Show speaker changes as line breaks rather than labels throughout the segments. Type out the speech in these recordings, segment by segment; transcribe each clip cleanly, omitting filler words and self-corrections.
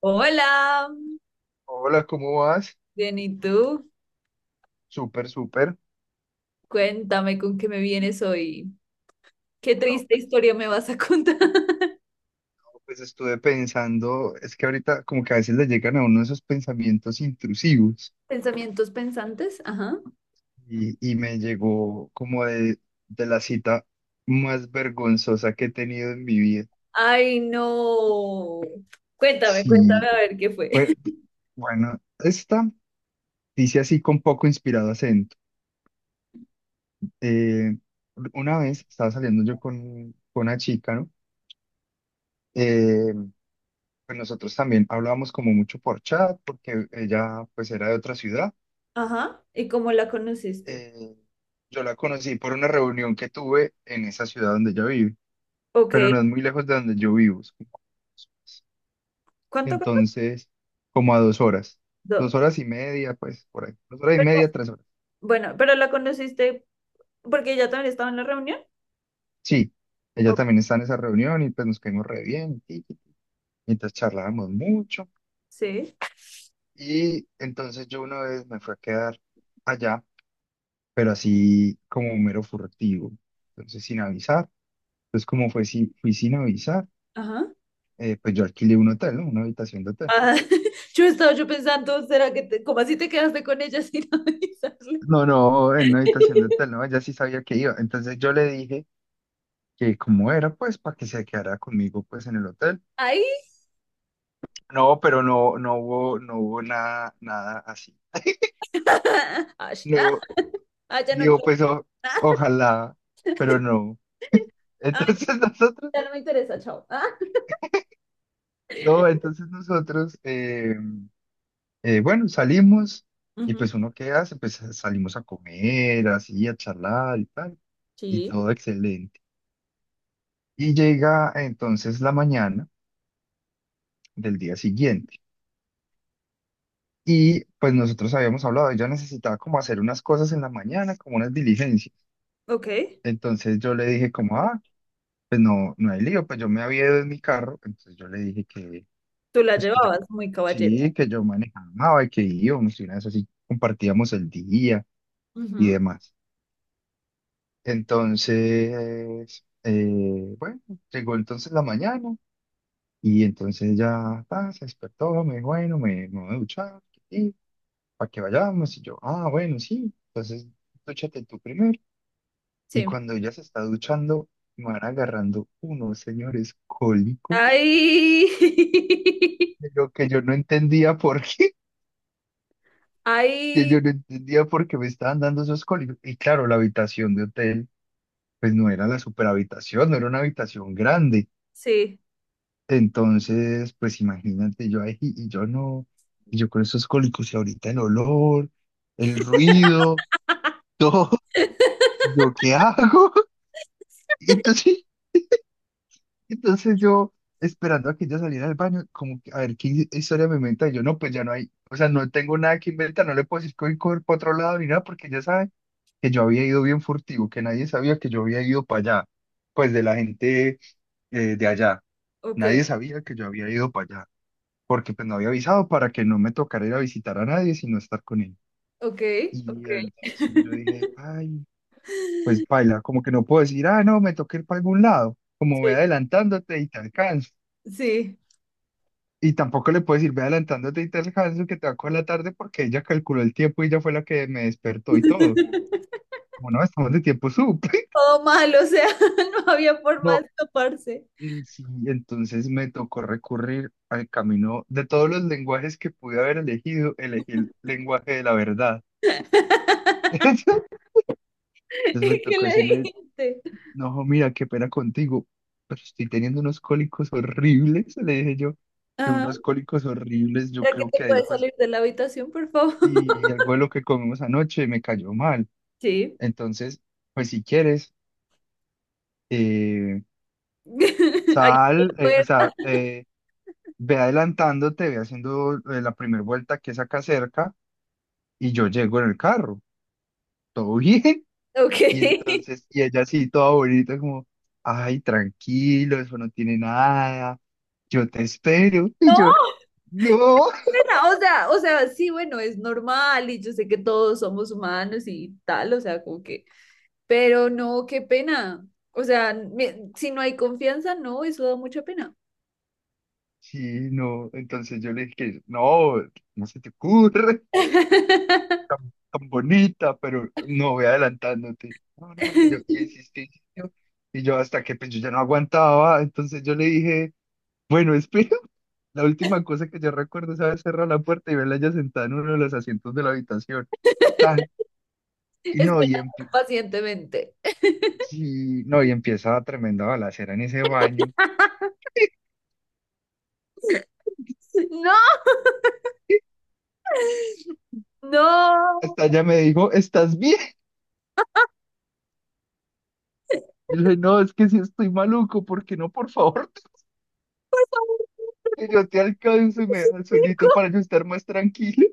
Hola,
Hola, ¿cómo vas?
bien, ¿y tú?
Súper, súper.
Cuéntame con qué me vienes hoy. Qué
No,
triste historia me vas a contar.
pues estuve pensando, es que ahorita como que a veces le llegan a uno esos pensamientos intrusivos
¿Pensamientos pensantes? Ajá.
y me llegó como de la cita más vergonzosa que he tenido en mi vida.
Ay, no. Cuéntame, cuéntame
Sí,
a ver qué fue.
fue- bueno, esta dice así con poco inspirado acento. Eh, una vez estaba saliendo yo con una chica, ¿no? Eh, pues nosotros también hablábamos como mucho por chat porque ella pues era de otra ciudad.
Ajá. ¿Y cómo la conociste?
Eh, yo la conocí por una reunión que tuve en esa ciudad donde ella vive,
Ok.
pero no es muy lejos de donde yo vivo.
¿Cuánto
Entonces, como a 2 horas, dos
costó?
horas y media, pues por ahí, dos horas y
Pero,
media, 3 horas.
bueno, pero la conociste porque ella también estaba en la reunión.
Sí, ella
Ok.
también está en esa reunión y pues nos caímos re bien, mientras charlábamos mucho.
Sí.
Y entonces yo una vez me fui a quedar allá, pero así como mero furtivo, entonces sin avisar. Entonces, como fue, si, fui sin avisar.
Ajá.
Pues yo alquilé un hotel, ¿no? Una habitación de hotel.
Ah, yo estaba yo pensando, ¿será que te, cómo así te quedaste con ella sin avisarle?
No, no, en una habitación de hotel, no, ella sí sabía que iba. Entonces yo le dije que cómo era, pues, para que se quedara conmigo, pues, en el hotel.
Ay.
No, pero no, no hubo nada, nada así.
Ay,
No,
ay, ya no
digo,
quiero.
pues, ojalá, pero no.
Ay,
Entonces nosotros,
ya no me interesa, chao. Ah,
no, entonces nosotros, bueno, salimos y
ujú,
pues uno qué hace, pues salimos a comer, así, a charlar y tal, y
sí,
todo excelente. Y llega entonces la mañana del día siguiente. Y pues nosotros habíamos hablado, ella necesitaba como hacer unas cosas en la mañana, como unas diligencias.
ok.
Entonces yo le dije como, ah, pues no, no hay lío, pues yo me había ido en mi carro. Entonces yo le dije que,
Tú la
pues que yo,
llevabas muy caballero.
sí, que yo manejaba y que íbamos y una vez así compartíamos el día y
Ujú,
demás. Entonces, bueno, llegó entonces la mañana y entonces ya ta, se despertó, me dijo, bueno, me voy a duchar. Para que vayamos. Y yo, ah, bueno, sí, entonces dúchate tú primero. Y
sí.
cuando ella se está duchando, me van agarrando unos señores cólicos.
Ay.
De Lo que yo no entendía por qué, que
Ay.
yo no entendía por qué me estaban dando esos cólicos. Y claro, la habitación de hotel, pues no era la superhabitación, no era una habitación grande.
Sí,
Entonces, pues imagínate, yo ahí y yo no, y yo con esos cólicos y ahorita el olor, el ruido, todo, ¿yo qué hago? Entonces Entonces yo, esperando a que ella saliera del baño, como que, a ver, ¿qué historia me inventa? Y yo, no, pues ya no hay, o sea, no tengo nada que inventar, no le puedo decir que voy por otro lado ni nada, porque ella sabe que yo había ido bien furtivo, que nadie sabía que yo había ido para allá, pues de la gente de allá,
ok,
nadie sabía que yo había ido para allá, porque pues no había avisado para que no me tocara ir a visitar a nadie, sino estar con él.
ok, ok.
Y entonces yo dije, ay, pues baila, como que no puedo decir, ah, no, me toqué ir para algún lado, como voy
Sí,
adelantándote y te alcanzo.
sí.
Y tampoco le puedes ir ve adelantándote y te eso que te va a coger la tarde porque ella calculó el tiempo y ella fue la que me despertó y todo. Como no, estamos de tiempo sup
Todo mal, o sea, no había forma
No,
de escaparse.
mm, sí, entonces me tocó recurrir al camino de todos los lenguajes que pude haber elegido, elegí el lenguaje de la verdad. Entonces me
¿Y qué
tocó
le
decirle,
dijiste?
no, jo, mira, qué pena contigo, pero estoy teniendo unos cólicos horribles, le dije yo, de
Ajá.
unos cólicos horribles, yo
¿Para que
creo
te
que ahí
puedes
pues
salir de la habitación, por favor?
sí, algo de lo que comimos anoche me cayó mal.
Sí.
Entonces, pues si quieres, eh,
Ahí está
sal,
la
o sea,
puerta.
ve adelantándote, ve haciendo la primera vuelta que es acá cerca y yo llego en el carro, todo bien.
Ok.
Y entonces, y ella así, toda bonita, como, ay, tranquilo, eso no tiene nada, yo te espero. Y
No,
yo, no,
espera, o sea, sí, bueno, es normal y yo sé que todos somos humanos y tal, o sea, como que, pero no, qué pena. O sea, me- si no hay confianza, no, eso da mucha pena.
sí, no. Entonces yo le dije, no, no se te ocurre. Tan, tan bonita, pero no voy adelantándote. No, no, que yo,
Esperando
y insistí, insistió, y yo hasta que pues yo ya no aguantaba, entonces yo le dije, bueno, espera, la última cosa que yo recuerdo, ¿sabes? Cerrar la puerta y verla ya sentada en uno de los asientos de la habitación, tan, y no,
pacientemente.
sí, no, y empieza la tremenda balacera en ese baño.
No, no,
Hasta ella me dijo, ¿estás bien? Yo le dije, no, es que sí estoy maluco, ¿por qué no? Por favor,
por favor,
que yo te alcanzo y me dejas
chico.
solito para yo estar más tranquilo.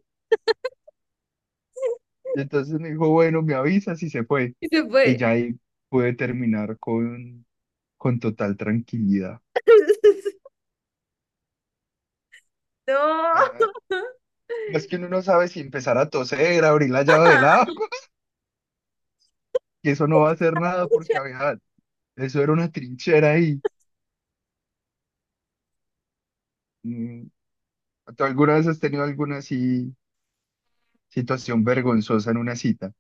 Y entonces me dijo, bueno, me avisas y se fue.
Y se
Y
fue.
ya ahí pude terminar con total tranquilidad.
No.
Ah, es que uno no sabe si empezar a toser, abrir la llave del agua, que eso no va a hacer nada porque
Pucha,
había, eso era una trinchera ahí. Mm, ¿Tú alguna vez has tenido alguna así situación vergonzosa en una cita?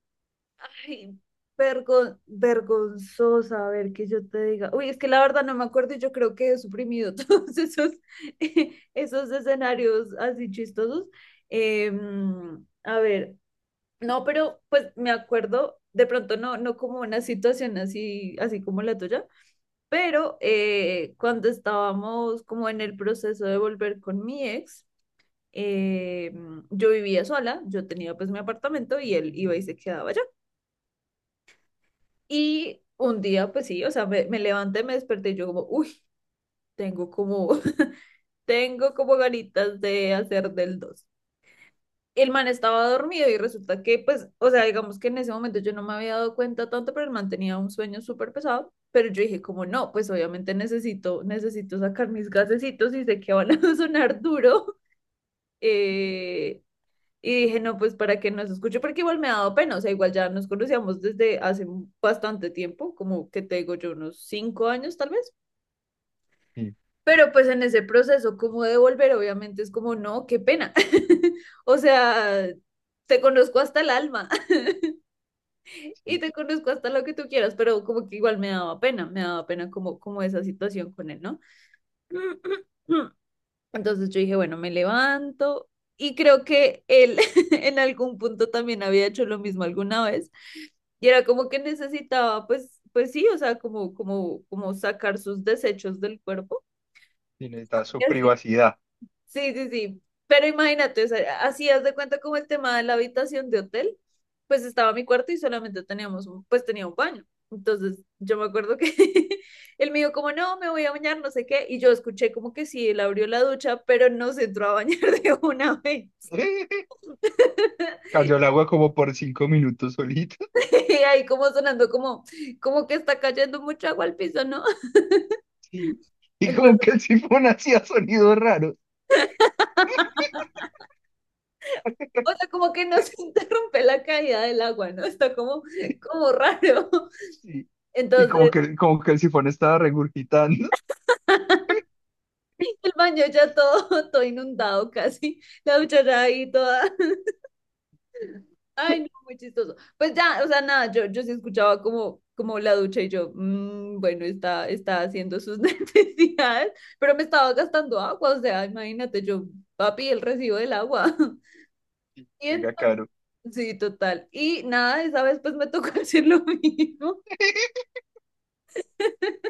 ay, vergon- vergonzosa, a ver, que yo te diga. Uy, es que la verdad no me acuerdo y yo creo que he suprimido todos esos, esos escenarios así chistosos. A ver, no, pero pues me acuerdo, de pronto no, no como una situación así, así como la tuya, pero cuando estábamos como en el proceso de volver con mi ex, eh, yo vivía sola, yo tenía pues mi apartamento y él iba y se quedaba allá. Y un día, pues sí, o sea, me levanté, me desperté y yo como, uy, tengo como, tengo como ganitas de hacer del dos. El man estaba dormido y resulta que, pues, o sea, digamos que en ese momento yo no me había dado cuenta tanto, pero el man tenía un sueño súper pesado. Pero yo dije, como no, pues obviamente necesito, necesito sacar mis gasecitos y sé que van a sonar duro. eh, Y dije, no, pues para que nos escuche, porque igual me ha dado pena, o sea, igual ya nos conocíamos desde hace bastante tiempo, como que te digo yo, unos 5 años tal vez,
Sí,
pero pues en ese proceso como de volver, obviamente es como, no, qué pena, o sea, te conozco hasta el alma y
sí,
te conozco hasta lo que tú quieras, pero como que igual me daba pena como, como esa situación con él, ¿no? Entonces yo dije, bueno, me levanto y creo que él en algún punto también había hecho lo mismo alguna vez y era como que necesitaba, pues, pues sí, o sea, como, como, como sacar sus desechos del cuerpo.
sí, necesitas
Y
su
así,
privacidad.
sí, sí, sí. Pero imagínate, o sea, así haz de cuenta como el tema de la habitación de hotel, pues estaba mi cuarto y solamente teníamos, un- pues tenía un baño. Entonces yo me acuerdo que él me dijo como, no, me voy a bañar, no sé qué, y yo escuché como que sí, él abrió la ducha, pero no se entró a bañar de una vez.
Cayó el agua como por 5 minutos solita.
Y ahí como sonando como, como que está cayendo mucha agua al piso, ¿no?
Sí. Y como
Entonces,
que el sifón hacía sonidos raros.
o sea, como que no se interrumpe la caída del agua, ¿no? Está como, como raro.
Sí. Y como
Entonces...
que, como que el sifón estaba regurgitando.
el baño ya todo, todo inundado casi, la duchera ahí toda. Ay, no, muy chistoso. Pues ya, o sea, nada, yo sí escuchaba como, como la ducha y yo, "Mm, bueno, está, está haciendo sus necesidades, pero me estaba gastando agua, o sea, imagínate, yo, papi, el recibo del agua.
Y
Y
llega
entonces,
Caro,
sí, total. Y nada, esa vez pues me tocó hacer lo mismo.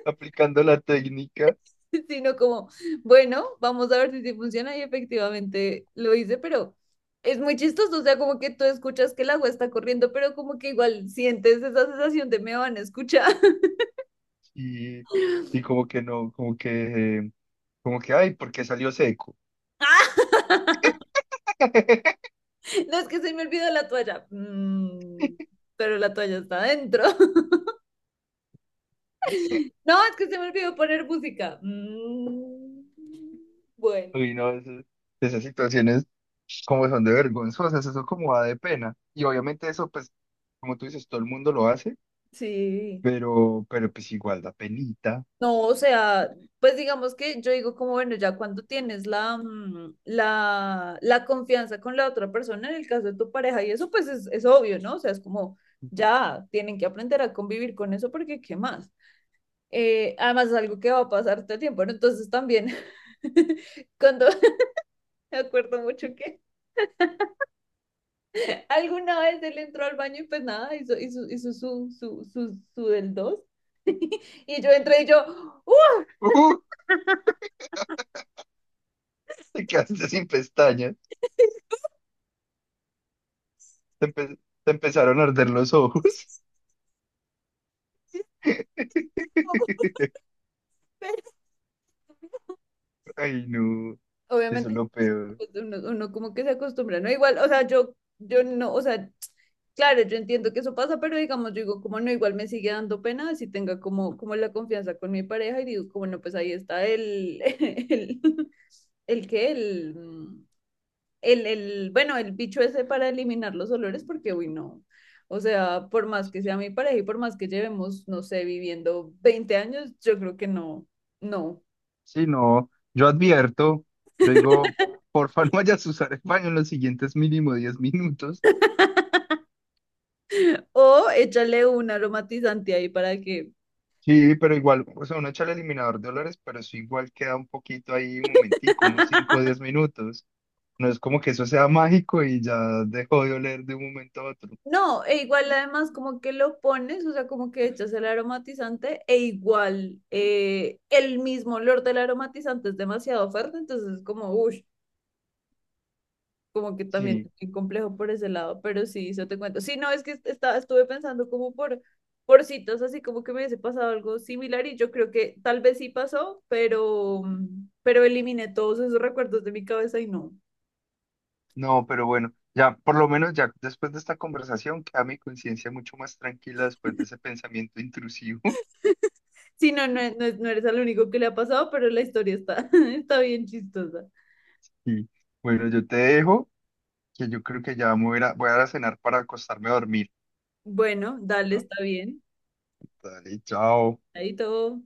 aplicando la técnica.
Sino como, bueno, vamos a ver si sí funciona y efectivamente lo hice, pero es muy chistoso, o sea, como que tú escuchas que el agua está corriendo, pero como que igual sientes esa sensación de me van a escuchar.
Y, y como que no, como que, ay, porque salió seco.
¡Ah! No es que se me olvidó la toalla. Mm, pero la toalla está adentro. No, es que se me olvidó poner música. Mm, bueno,
Uy, no, esas situaciones como son de vergonzosas, eso como da de pena. Y obviamente eso, pues, como tú dices, todo el mundo lo hace,
sí.
pero pues igual da penita.
No, o sea, pues digamos que yo digo como, bueno, ya cuando tienes la, mm, la confianza con la otra persona, en el caso de tu pareja, y eso pues es obvio, ¿no? O sea, es como, ya tienen que aprender a convivir con eso porque, ¿qué más? Además es algo que va a pasar todo el tiempo, ¿no? Entonces también, cuando me acuerdo mucho que alguna vez él entró al baño y pues nada, hizo, hizo, hizo su, su, su, su del dos, y yo entré y yo, ¡uh!
¡Uh! Te quedaste sin pestañas. Te, empe- Te empezaron a arder los ojos. Ay, no, eso es
Obviamente,
lo
pues,
peor.
pues, uno como que se acostumbra, ¿no? Igual, o sea, yo no, o sea, claro, yo entiendo que eso pasa, pero digamos, yo digo, como no, igual me sigue dando pena si tenga como, como la confianza con mi pareja y digo, como no, pues ahí está el, el, el que, el, mm, el, bueno, el bicho ese para eliminar los olores, porque, uy, no. O sea, por más que sea mi pareja y por más que llevemos, no sé, viviendo 20 años, yo creo que no, no.
Sí, no, yo advierto, yo digo, porfa, no vayas a usar el baño en los siguientes mínimo 10 minutos.
O échale un aromatizante ahí para que...
Sí, pero igual, o sea, uno echa el eliminador de olores, pero eso igual queda un poquito ahí, un momentico, unos cinco o 10 minutos. No es como que eso sea mágico y ya dejó de oler de un momento a otro.
No, e igual además como que lo pones, o sea, como que echas el aromatizante e igual el mismo olor del aromatizante es demasiado fuerte, entonces es como, uff, como que también
Sí,
es complejo por ese lado, pero sí, yo te cuento. Sí, no, es que estaba, estuve pensando como por citas, así como que me hubiese pasado algo similar y yo creo que tal vez sí pasó, pero eliminé todos esos recuerdos de mi cabeza y no.
no, pero bueno, ya, por lo menos ya después de esta conversación queda mi conciencia mucho más tranquila después de ese pensamiento intrusivo.
Sí, no, no, no, no eres el único que le ha pasado, pero la historia está, está bien chistosa.
Y bueno, yo te dejo, que yo creo que ya me voy a, ir a- voy a ir a cenar para acostarme a dormir.
Bueno, dale, está bien.
Dale, chao.
Ahí todo.